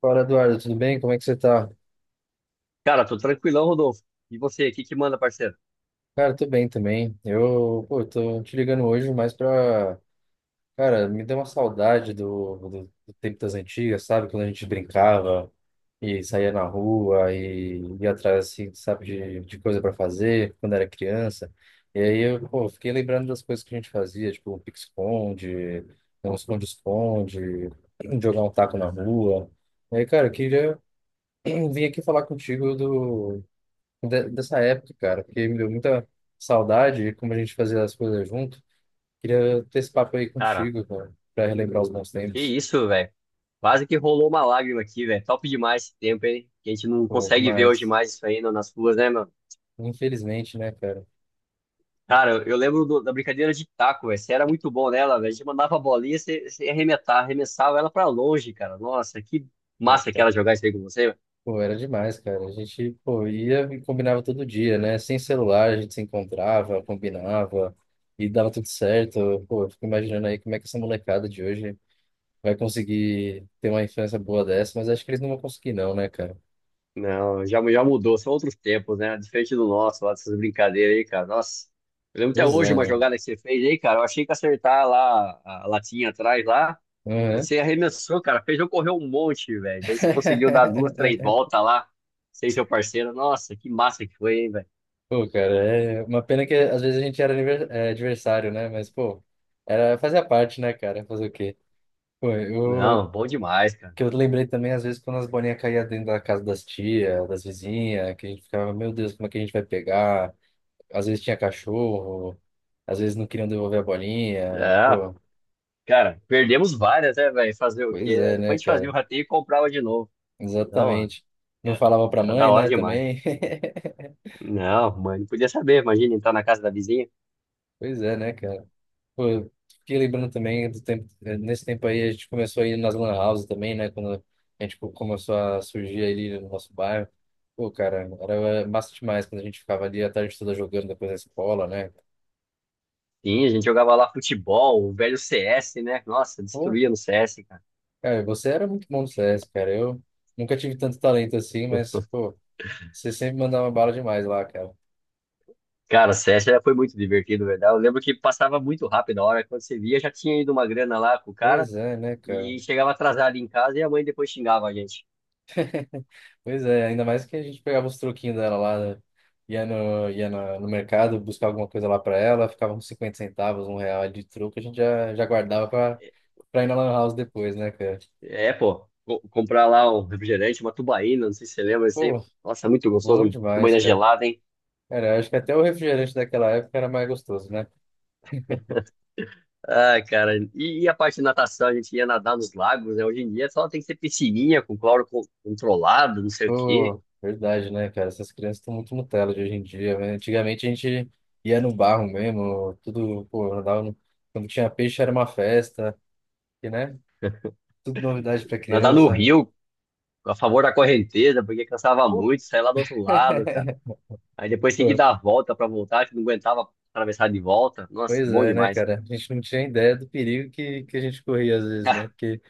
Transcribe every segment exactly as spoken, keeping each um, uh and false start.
Fala, Eduardo, tudo bem? Como é que você tá? Cara, tô tranquilão, Rodolfo. E você, o que que manda, parceiro? Cara, tô bem também. Eu, pô, tô te ligando hoje mais pra. Cara, me deu uma saudade do, do, do tempo das antigas, sabe? Quando a gente brincava e saía na rua e ia atrás, assim, sabe, de, de coisa pra fazer quando era criança. E aí eu, pô, fiquei lembrando das coisas que a gente fazia, tipo um pique-esconde, um esconde-esconde, jogar um taco na rua. E aí, cara, eu queria vir aqui falar contigo de- dessa época, cara, porque me deu muita saudade e como a gente fazia as coisas junto. Queria ter esse papo aí Cara, contigo, cara, pra relembrar os bons que tempos. isso, velho. Quase que rolou uma lágrima aqui, velho. Top demais esse tempo, hein? Que a gente não Pô, consegue ver hoje demais. mais isso aí no- nas ruas, né, mano? Infelizmente, né, cara? Cara, eu eu lembro do- da brincadeira de taco, velho. Você era muito bom nela, velho. A gente mandava a bolinha, você, você ia arrematar, arremessava ela pra longe, cara. Nossa, que Pô, massa que cara. era jogar isso aí com você. Pô, era demais, cara. A gente, pô, ia e combinava todo dia, né? Sem celular, a gente se encontrava, combinava e dava tudo certo. Pô, eu fico imaginando aí como é que essa molecada de hoje vai conseguir ter uma infância boa dessa, mas acho que eles não vão conseguir, não, né, cara? Não, já, já mudou, são outros tempos, né? Diferente do nosso, lá dessas brincadeiras aí, cara. Nossa, eu lembro até Pois hoje é, uma né? jogada que você fez aí, cara. Eu achei que acertar lá a latinha atrás lá. Uhum. Você arremessou, cara. Fez eu correr um monte, velho. Daí você conseguiu dar duas, três voltas lá. Sem seu parceiro. Nossa, que massa que foi, hein, velho. Pô, cara, é uma pena que às vezes a gente era aniver- é, adversário, né? Mas, pô, era, fazia parte, né, cara? Fazer o quê? Pô, eu, Não, bom demais, cara. que eu lembrei também, às vezes, quando as bolinhas caíam dentro da casa das tias, das vizinhas, que a gente ficava, meu Deus, como é que a gente vai pegar? Às vezes tinha cachorro, às vezes não queriam devolver a bolinha. É, Pô, cara, perdemos várias, né, velho? Fazer o pois quê, né? é, Depois né, a gente fazia o cara? rateio e comprava de novo. Não, Exatamente. Não era, falava pra era da mãe, hora né, demais. também. Não, mãe, não podia saber. Imagina entrar na casa da vizinha. Pois é, né, cara? Pô, eu fiquei lembrando também do tempo, eh, nesse tempo aí a gente começou a ir nas lan houses também, né? Quando a gente co- começou a surgir ali no nosso bairro. Pô, cara, era massa demais quando a gente ficava ali a tarde toda jogando depois da escola, né? Sim, a gente jogava lá futebol, o velho C S, né? Nossa, Pô, destruía no C S, cara. cara, você era muito bom no C S, cara. Eu nunca tive tanto talento assim, mas, pô, você sempre mandava bala demais lá, cara. Cara, C S já foi muito divertido, verdade. Eu lembro que passava muito rápido a hora. Quando você via, já tinha ido uma grana lá com o cara Pois é, né, cara? e chegava atrasado em casa e a mãe depois xingava a gente. Pois é, ainda mais que a gente pegava os troquinhos dela lá, né? ia no, ia na- No mercado buscar alguma coisa lá pra ela, ficava uns cinquenta centavos, um real de troco, a gente já, já guardava pra, pra ir na Lan House depois, né, cara? É, pô, co- comprar lá um refrigerante, uma tubaína, não sei se você lembra, isso aí. Pô, Nossa, muito gostoso, bom uma demais, tubaína cara. gelada, hein? Cara, eu acho que até o refrigerante daquela época era mais gostoso, né? Ah, cara, e, e a parte de natação, a gente ia nadar nos lagos, né? Hoje em dia só tem que ser piscininha com cloro co- controlado, não sei o quê. Pô, verdade, né, cara? Essas crianças estão muito Nutella de hoje em dia, né? Antigamente a gente ia no barro mesmo, tudo, pô, andava no. Quando tinha peixe era uma festa, e, né? Tudo novidade pra Nadar no criança. rio, a favor da correnteza, porque cansava muito, saía lá do outro lado, cara. Aí depois tinha que Pô, dar a volta pra voltar, que não aguentava atravessar de volta. Nossa, pois bom é, né, demais. cara? A gente não tinha ideia do perigo que, que a gente corria às vezes, né? Ah, Porque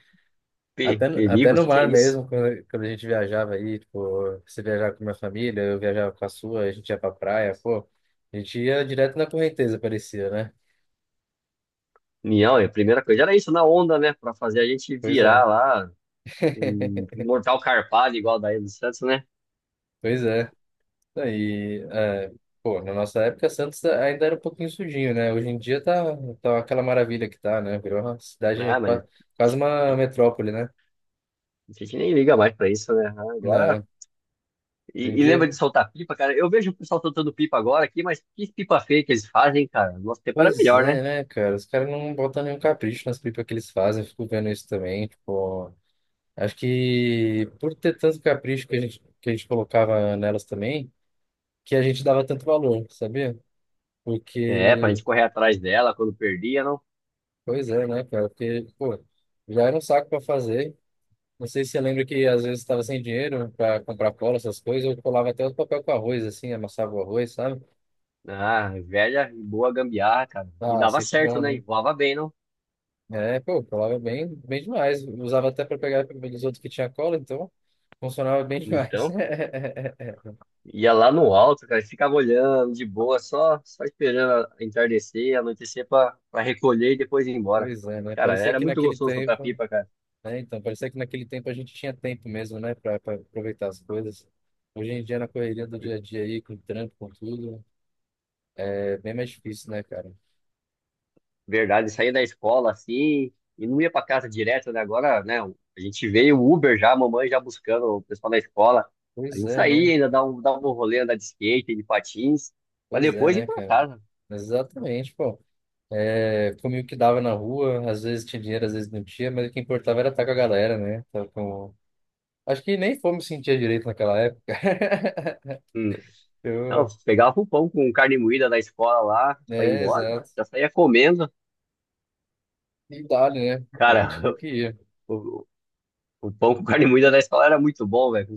pe- até, no- até perigo, o no que que é mar isso? mesmo, quando, quando a gente viajava aí, tipo, você viajava com a minha família, eu viajava com a sua, a gente ia pra praia, pô, a gente ia direto na correnteza, parecia, né? Não, a primeira coisa era isso na onda, né? Pra fazer a gente Pois é, virar lá, um mortal carpado igual daí do Santos, né? pois é. Aí, é, pô, na nossa época, Santos ainda era um pouquinho sujinho, né? Hoje em dia tá, tá aquela maravilha que tá, né? Virou uma cidade, Ah, mas qua- quase uma metrópole, né? a gente nem liga mais pra isso, né? Ah, agora. Não, hoje em E, e lembra dia. de soltar pipa, cara? Eu vejo o pessoal soltando pipa agora aqui, mas que pipa feia que eles fazem, cara. Nosso tempo era Pois melhor, né? é, né, cara? Os caras não botam nenhum capricho nas pipas que eles fazem, eu fico vendo isso também. Tipo, acho que por ter tanto capricho que a gente, que a gente colocava nelas também, que a gente dava tanto valor, sabia? É, pra Porque, gente correr atrás dela quando perdia, não? pois é, né, cara? Porque, pô, já era um saco pra fazer. Não sei se você lembra que às vezes estava sem dinheiro pra comprar cola, essas coisas, eu colava até o papel com arroz, assim, amassava o arroz, sabe? Ah, velha e boa gambiarra, cara. E Ah, dava sempre certo, bom, né? E né? voava bem, não? É, pô, colava bem, bem demais. Usava até para pegar os outros que tinha cola, então funcionava bem demais. Então, ia lá no alto, cara, e ficava olhando de boa, só, só esperando a- entardecer, anoitecer pra, pra recolher e depois ir embora. Pois é, né? Cara, Parecia era que muito naquele gostoso soltar tempo, pipa, cara. né? Então, parecia que naquele tempo a gente tinha tempo mesmo, né, para aproveitar as coisas. Hoje em dia, na correria do dia a dia aí, com trampo, com tudo, é bem mais difícil, né, cara? Verdade, saía da escola assim e não ia pra casa direto, né? Agora, né? A gente veio o Uber já, a mamãe já buscando o pessoal da escola. A Pois gente é, né? saía, ainda dava um, dava um rolê, andar de skate, de patins, pra Pois é, depois ir né, pra cara? casa. Mas, exatamente, pô. É, comia o que dava na rua, às vezes tinha dinheiro, às vezes não tinha, mas o que importava era estar com a galera, né? Tá com. Acho que nem fome sentia direito naquela época. Hum. Não, Eu. pegava o pão com carne moída da escola lá, só ia É, embora, exato. já saía comendo. E dali, né? A gente Cara, viu que ia. o, o pão com carne moída da escola era muito bom, velho. Com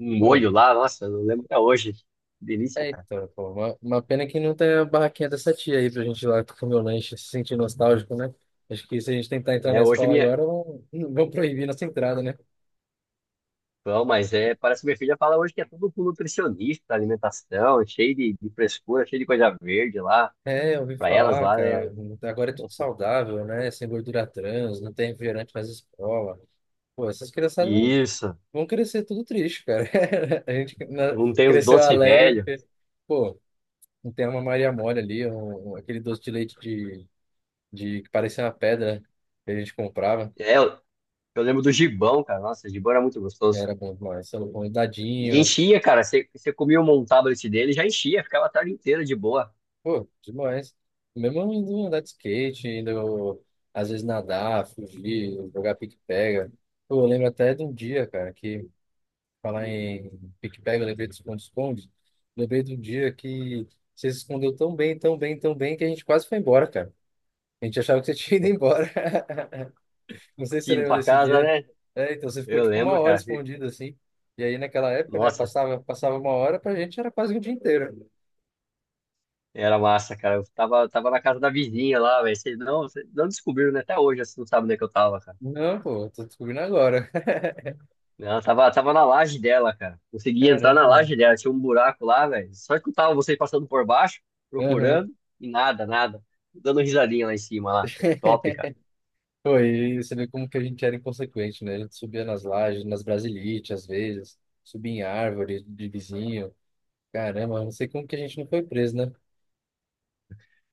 um Pô, molho lá, nossa, eu não lembro até hoje. Delícia, é cara. então, pô. Uma, uma pena que não tem a barraquinha dessa tia aí pra gente ir lá comer o lanche, se sentir nostálgico, né? Acho que se a gente tentar entrar na É, hoje escola minha. agora, vão, vão proibir nossa entrada, né? Não, mas é, parece que minha filha fala hoje que é tudo com nutricionista, alimentação, cheio de, de frescura, cheio de coisa verde lá, É, eu ouvi pra elas falar, lá, né? cara. Agora é tudo saudável, né? Sem gordura trans, não tem refrigerante nas escolas. Pô, essas criançadas vão, Isso, vão crescer tudo triste, cara. A gente na- não tem os cresceu doce alegre, velho. porque, pô. Não tem uma Maria Mole ali, um, um- aquele doce de leite de, de que parecia uma pedra que a gente comprava. É, eu, eu lembro do gibão, cara. Nossa, o gibão era muito gostoso. Era bom demais. Sei lá, um E dadinho. enchia, cara. Você você comia um tablet dele, já enchia, ficava a tarde inteira de boa. Pô, demais. Mesmo indo andar de skate, indo às vezes nadar, fugir, jogar pique-pega. Pô, eu lembro até de um dia, cara, que falar em pique-pega, eu lembrei do esconde-esconde. Lembrei de um dia que você se escondeu tão bem, tão bem, tão bem que a gente quase foi embora, cara. A gente achava que você tinha ido embora. Não sei se você Filho lembra pra desse casa, dia. né? É, então você ficou Eu tipo uma lembro, hora cara. fi- escondido assim. E aí naquela época, né, Nossa, passava, passava uma hora, pra gente era quase o dia inteiro. era massa, cara. Eu tava, tava na casa da vizinha lá, velho. Vocês não, vocês não descobriram, né? Até hoje, assim, não sabem onde é que eu tava, cara. Não, pô, tô descobrindo agora. Ela tava, tava na laje dela, cara. Consegui entrar na Caramba. laje dela, tinha um buraco lá, velho. Só escutava vocês passando por baixo, Aham. procurando, e nada, nada. Dando risadinha lá em cima, lá. Top, cara. Pô, e você vê como que a gente era inconsequente, né? A gente subia nas lajes, nas brasilites às vezes, subia em árvore de vizinho. Caramba, eu não sei como que a gente não foi preso, né?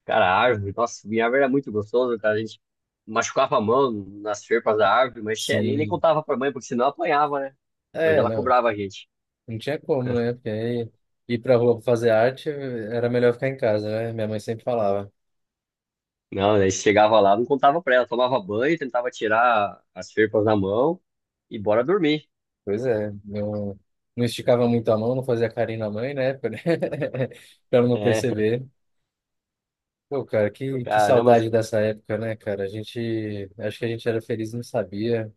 Cara, a árvore, nossa, minha árvore era muito gostosa, cara. A gente machucava a mão nas ferpas da árvore, mas che- nem, nem Sim. contava pra mãe, porque senão apanhava, né? Pois É, ela não, cobrava a gente. não tinha como, né? Porque aí ir pra rua pra fazer arte era melhor ficar em casa, né? Minha mãe sempre falava. Não, daí chegava lá, não contava pra ela, tomava banho, tentava tirar as ferpas da mão e bora dormir. Pois é, não, não esticava muito a mão, não fazia carinho na mãe na época, né? Pra ela não É, perceber. Pô, cara, que, que caramba, saudade dessa época, né, cara? A gente, acho que a gente era feliz, e não sabia,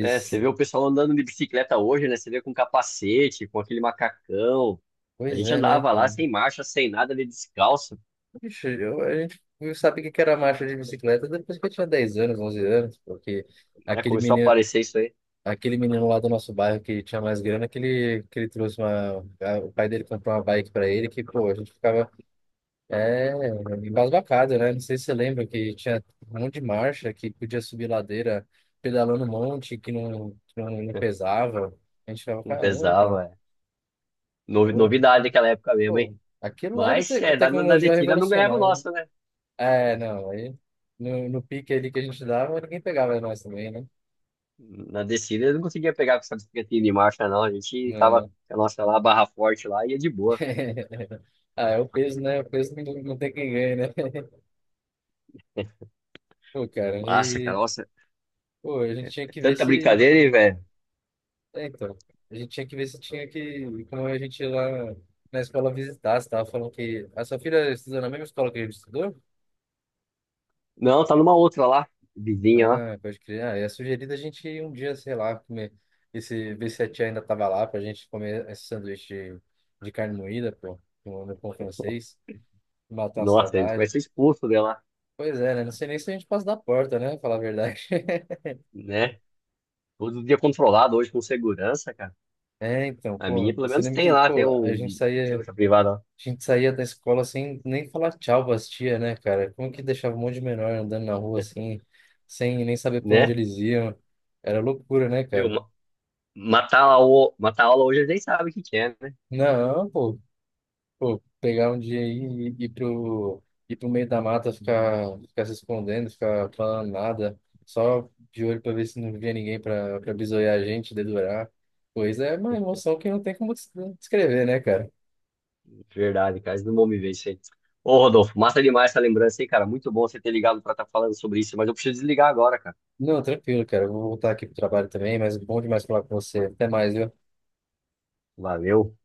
né? Você vê o pessoal andando de bicicleta hoje, né? Você vê com capacete, com aquele macacão. A pois gente é, né, andava lá cara? sem marcha, sem nada, ali descalço, Ixi, eu, a gente sabe o que que era marcha de bicicleta depois que eu tinha dez anos, onze anos, porque né? aquele Começou a menino, aparecer isso aí. aquele menino lá do nosso bairro que tinha mais grana, que ele, que ele trouxe uma, a- o pai dele comprou uma bike pra ele, que, pô, a gente ficava É, embasbacado, né? Não sei se você lembra que tinha um monte de marcha que podia subir ladeira pedalando um monte que não, que não, não pesava. A gente ficava, Não caramba, cara, pesava, é. Novi- pô, Novidade daquela época mesmo, hein? pô, aquilo lá era Mas te é, na, na na tecnologia descida não ganhava o revolucionária. nosso, né? É, não, aí no, no pique ali que a gente dava, ninguém pegava nós também, né? Na descida eu não conseguia pegar com essa bicicletinha de marcha, não. A gente tava Não. com a nossa lá, barra forte lá, ia de boa. Ah, é o peso, né? O peso não, não tem quem ganha, né? Pô, cara, Massa, cara, e nossa, pô, a gente tinha é que ver tanta se brincadeira, hein, velho? É, então, a gente tinha que ver se tinha que, como a gente ia lá na escola visitar, você tava falando que a sua filha estudou na mesma escola que a gente estudou? Não, tá numa outra lá, vizinha lá. Ah, pode crer. Ah, é sugerido a gente ir um dia, sei lá, comer, esse, ver se a tia ainda tava lá pra gente comer esse sanduíche de, de carne moída, pô, no no pão francês, matar a Nossa, a gente vai saudade. ser expulso dela, Pois é, né? Não sei nem se a gente passa da porta, né? Falar a verdade. né? Todo dia controlado hoje com segurança, cara. É, então, A pô, minha, pelo você menos, lembra tem que, lá, tem pô, a gente um saía. segurança privada, lá, A gente saía da escola sem nem falar tchau pras tia, né, cara? Como que deixava um monte de menor andando na rua assim, sem nem saber pra onde né? eles iam? Era loucura, né, Meu, cara? ma- matar a, o- matar a aula hoje, a gente sabe o que que é, né? Não, pô, pô, pegar um dia aí e ir pro, ir pro meio da mata, ficar, ficar se escondendo, ficar falando nada, só de olho pra ver se não via ninguém pra, pra, bisoiar a gente, dedurar. Pois é, uma emoção que não tem como des- descrever, né, cara? Verdade, cara, eles não vão me vencer. Ô, Rodolfo, massa demais essa lembrança aí, cara. Muito bom você ter ligado pra estar falando sobre isso, mas eu preciso desligar agora, cara. Não, tranquilo, cara. Eu vou voltar aqui pro trabalho também, mas bom demais falar com você. Até mais, viu? Valeu.